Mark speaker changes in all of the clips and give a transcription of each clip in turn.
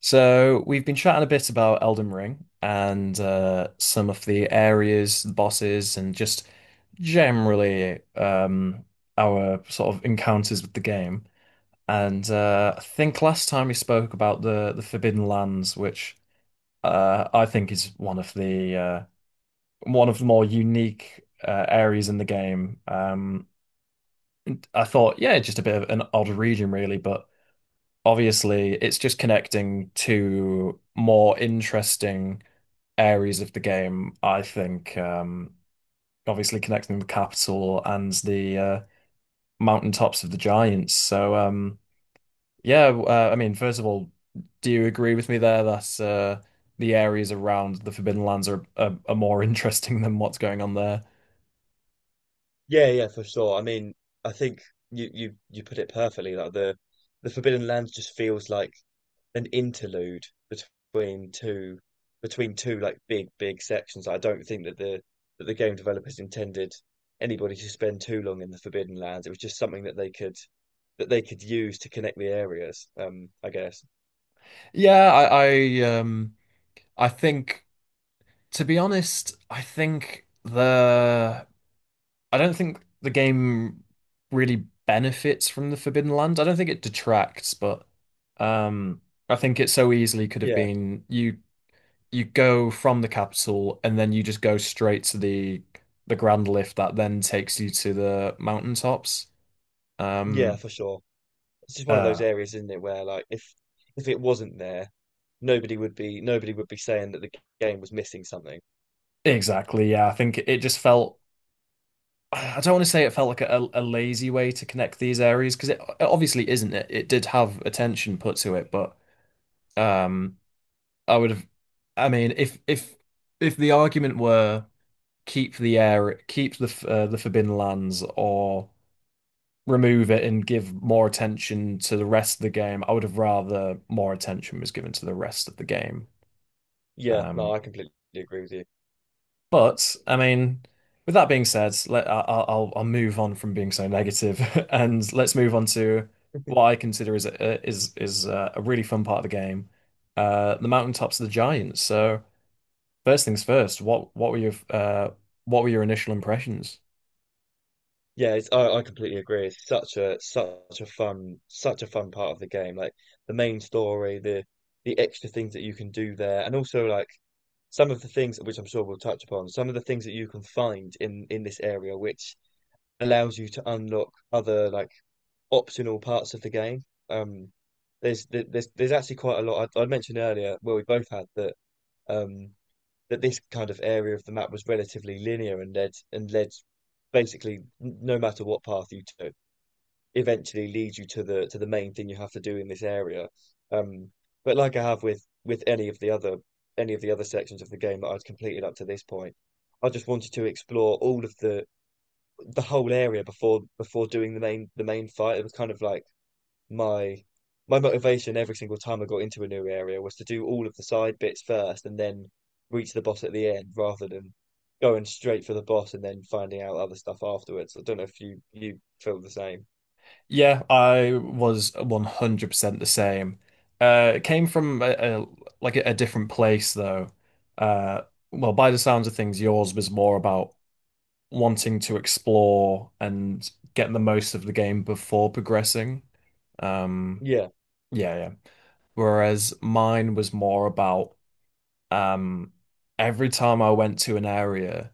Speaker 1: So we've been chatting a bit about Elden Ring and some of the areas, the bosses, and just generally our sort of encounters with the game. And I think last time we spoke about the Forbidden Lands, which I think is one of the one of the more unique areas in the game. I thought, yeah, just a bit of an odd region, really, but obviously it's just connecting to more interesting areas of the game, I think, obviously connecting the capital and the mountaintops of the giants. I mean, first of all, do you agree with me there that the areas around the Forbidden Lands are more interesting than what's going on there?
Speaker 2: Yeah, yeah, for sure. I mean, I think you put it perfectly. Like the Forbidden Lands just feels like an interlude between two between two like big sections. I don't think that the game developers intended anybody to spend too long in the Forbidden Lands. It was just something that they could use to connect the areas. I guess.
Speaker 1: Yeah, I think, to be honest, I think the I don't think the game really benefits from the Forbidden Land. I don't think it detracts, but um, I think it so easily could have
Speaker 2: Yeah,
Speaker 1: been you go from the capital and then you just go straight to the Grand Lift that then takes you to the mountaintops.
Speaker 2: yeah,
Speaker 1: Um,
Speaker 2: for sure. It's just one of those
Speaker 1: uh,
Speaker 2: areas, isn't it, where like if it wasn't there, nobody would be saying that the game was missing something.
Speaker 1: exactly. Yeah, I think it just felt. I don't want to say it felt like a lazy way to connect these areas because it obviously isn't. It did have attention put to it, but. Um, I would have. I mean, if if the argument were keep the keep the the Forbidden Lands, or remove it and give more attention to the rest of the game, I would have rather more attention was given to the rest of the game.
Speaker 2: Yeah, no, I
Speaker 1: Um,
Speaker 2: completely agree with you.
Speaker 1: but I mean, with that being said, let I'll move on from being so negative, and let's move on to what I consider is a really fun part of the game, the Mountaintops of the Giants. So. First things first, what were your initial impressions?
Speaker 2: Yeah, it's, I completely agree. It's such a such a fun part of the game. Like the main story, the extra things that you can do there, and also like some of the things which I'm sure we'll touch upon, some of the things that you can find in this area, which allows you to unlock other like optional parts of the game. Um, there's actually quite a lot. I mentioned earlier, well, we both had that. Um, that this kind of area of the map was relatively linear and led basically no matter what path you took, eventually leads you to the main thing you have to do in this area. Um, but like I have with any of the other sections of the game that I'd completed up to this point, I just wanted to explore all of the whole area before doing the main fight. It was kind of like my my motivation every single time I got into a new area was to do all of the side bits first and then reach the boss at the end rather than going straight for the boss and then finding out other stuff afterwards. I don't know if you feel the same.
Speaker 1: Yeah, I was 100% the same. It came from a like a different place though. Uh well, by the sounds of things, yours was more about wanting to explore and get the most of the game before progressing. Um
Speaker 2: Yeah.
Speaker 1: yeah, yeah. Whereas mine was more about um every time I went to an area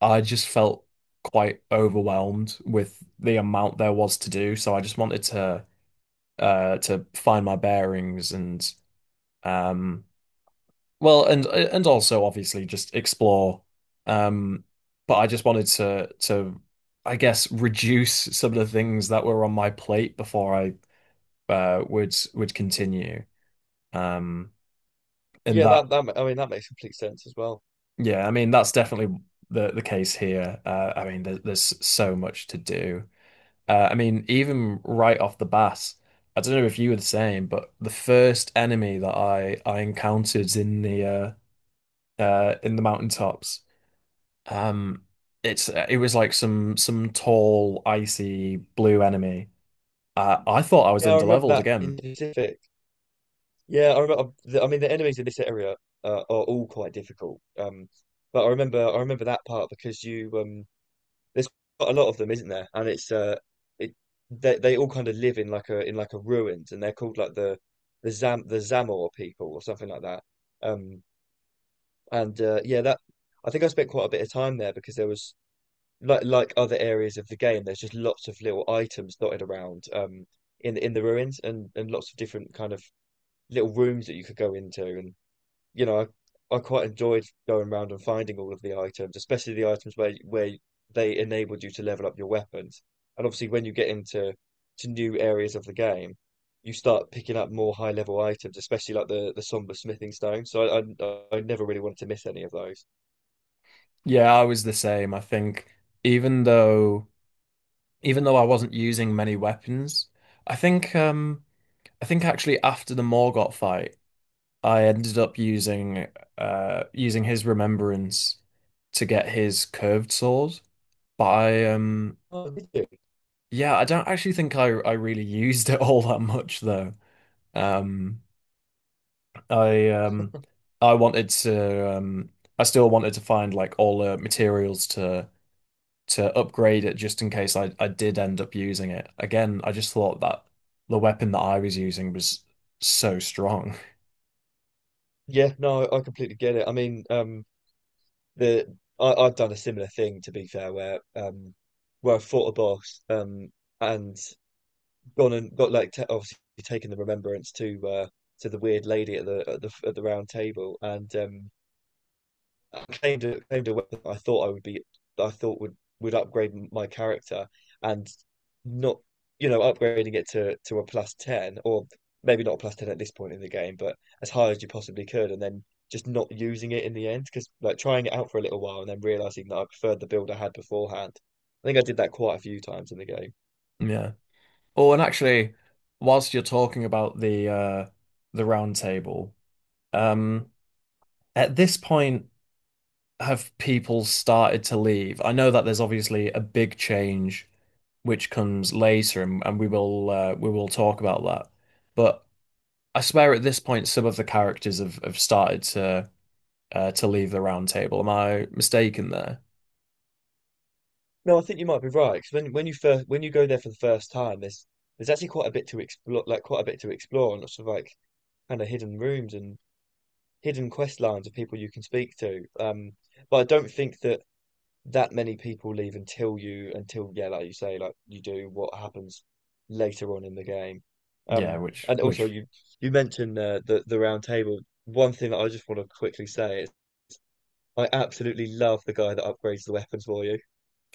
Speaker 1: I just felt quite overwhelmed with the amount there was to do, so I just wanted to find my bearings and, um well, and also obviously just explore. Um but I just wanted to I guess reduce some of the things that were on my plate before I would continue. Um and
Speaker 2: Yeah,
Speaker 1: that
Speaker 2: that I mean that makes complete sense as well.
Speaker 1: Yeah, I mean that's definitely the case here. I mean there's so much to do. I mean, even right off the bat, I don't know if you were the same, but the first enemy that I encountered in the mountaintops, um, it's it was like some tall, icy blue enemy. I thought I was
Speaker 2: Yeah, I remember
Speaker 1: underleveled
Speaker 2: that in
Speaker 1: again.
Speaker 2: specific. Yeah, I mean the enemies in this area are all quite difficult. But I remember that part because you there's quite a lot of them, isn't there? And it's it they all kind of live in like a ruins, and they're called like the Zamor people or something like that. Um, and Yeah, that I think I spent quite a bit of time there because there was like other areas of the game, there's just lots of little items dotted around in the ruins and lots of different kind of little rooms that you could go into and you know, I quite enjoyed going around and finding all of the items, especially the items where they enabled you to level up your weapons. And obviously, when you get into to new areas of the game, you start picking up more high level items, especially like the somber smithing stone. So I never really wanted to miss any of those.
Speaker 1: Yeah, I was the same. I think, even though even though I wasn't using many weapons, I think um I think actually after the Morgott fight. I ended up using using his remembrance to get his curved sword. But I
Speaker 2: Oh, did you?
Speaker 1: Yeah, I don't actually think I really used it all that much though. Um I um I wanted to I still wanted to find like all the materials to upgrade it just in case I did end up using it. Again, I just thought that the weapon that I was using was so strong.
Speaker 2: Yeah, no, I completely get it. I mean, the I, I've done a similar thing to be fair, where I fought a boss, and gone and got like ta obviously taken the remembrance to the weird lady at the at the at the round table, and I claimed a weapon I thought would upgrade my character, and not you know upgrading it to a plus ten or maybe not a plus ten at this point in the game, but as high as you possibly could, and then just not using it in the end because like trying it out for a little while and then realizing that I preferred the build I had beforehand. I think I did that quite a few times in the game.
Speaker 1: Yeah. Oh, and actually, whilst you're talking about the the round table, um at this point have people started to leave? I know that there's obviously a big change which comes later, and we will talk about that. But I swear at this point some of the characters have started to leave the round table. Am I mistaken there?
Speaker 2: No, I think you might be right because when you go there for the first time, there's actually quite a bit to explore, like quite a bit to explore, and lots of like kind of hidden rooms and hidden quest lines of people you can speak to. But I don't think that that many people leave until yeah, like you say, like you do what happens later on in the game.
Speaker 1: Yeah,
Speaker 2: Um, and also
Speaker 1: which
Speaker 2: you mentioned the round table. One thing that I just want to quickly say is I absolutely love the guy that upgrades the weapons for you.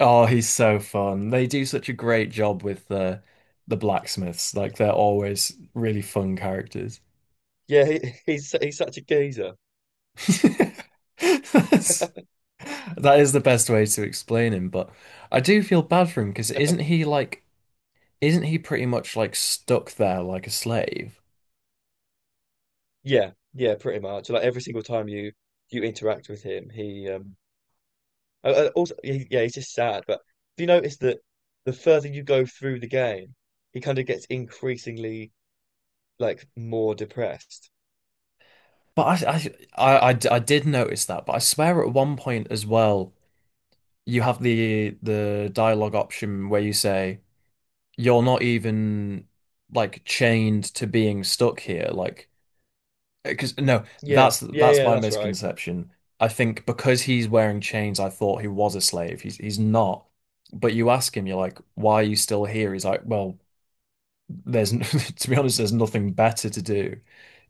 Speaker 1: Oh, he's so fun. They do such a great job with the blacksmiths. Like they're always really fun characters.
Speaker 2: Yeah, he's such a geezer.
Speaker 1: That's, that is the best way to explain him, but I do feel bad for him because isn't he like isn't he pretty much like stuck there like a slave?
Speaker 2: Yeah, yeah, pretty much. Like every single time you interact with him, yeah, he's just sad. But do you notice that the further you go through the game, he kind of gets increasingly like more depressed.
Speaker 1: But I d- I did notice that, but I swear at one point as well, you have the dialogue option where you say you're not even like chained to being stuck here, like, because no,
Speaker 2: Yeah,
Speaker 1: that's
Speaker 2: yeah,
Speaker 1: that's
Speaker 2: yeah,
Speaker 1: my
Speaker 2: that's right.
Speaker 1: misconception. I think because he's wearing chains I thought he was a slave. He's not, but you ask him, you're like, why are you still here? He's like, well, there's, to be honest, there's nothing better to do,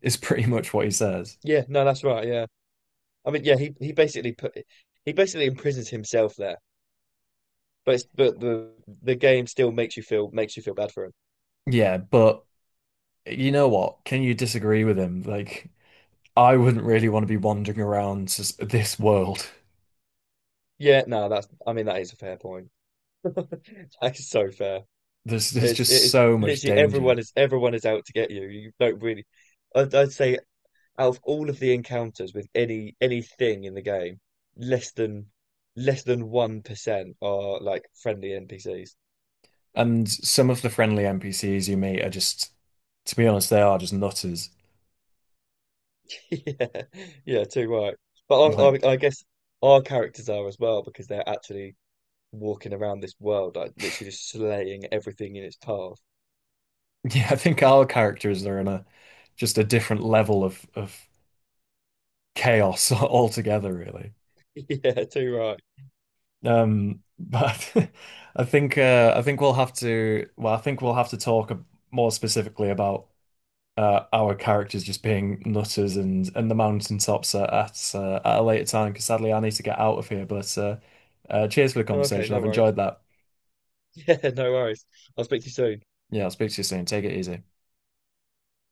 Speaker 1: is pretty much what he says.
Speaker 2: Yeah, no, that's right. Yeah, I mean, yeah, he basically imprisons himself there. But but the game still makes you feel bad for him.
Speaker 1: Yeah, but you know what, can you disagree with him? Like, I wouldn't really want to be wandering around this world.
Speaker 2: Yeah, no, that's I mean that is a fair point. That is so fair.
Speaker 1: There's
Speaker 2: It's
Speaker 1: just
Speaker 2: it's
Speaker 1: so much
Speaker 2: literally
Speaker 1: danger.
Speaker 2: everyone is out to get you. You don't really. I'd say out of all of the encounters with anything in the game, less than less than 1% are like friendly NPCs.
Speaker 1: And some of the friendly NPCs you meet are just, to be honest, they are just nutters.
Speaker 2: Yeah, yeah, too right. But
Speaker 1: Like,
Speaker 2: I guess our characters are as well because they're actually walking around this world, like literally just slaying everything in its path.
Speaker 1: yeah, I think our characters are in a just a different level of chaos altogether, really.
Speaker 2: Yeah, too right.
Speaker 1: But I think, I think we'll have to well, I think we'll have to talk more specifically about our characters just being nutters and the mountaintops at a later time. Because sadly, I need to get out of here. But cheers for the
Speaker 2: Okay,
Speaker 1: conversation.
Speaker 2: no
Speaker 1: I've
Speaker 2: worries.
Speaker 1: enjoyed that.
Speaker 2: Yeah, no worries. I'll speak to you soon.
Speaker 1: Yeah, I'll speak to you soon. Take it easy.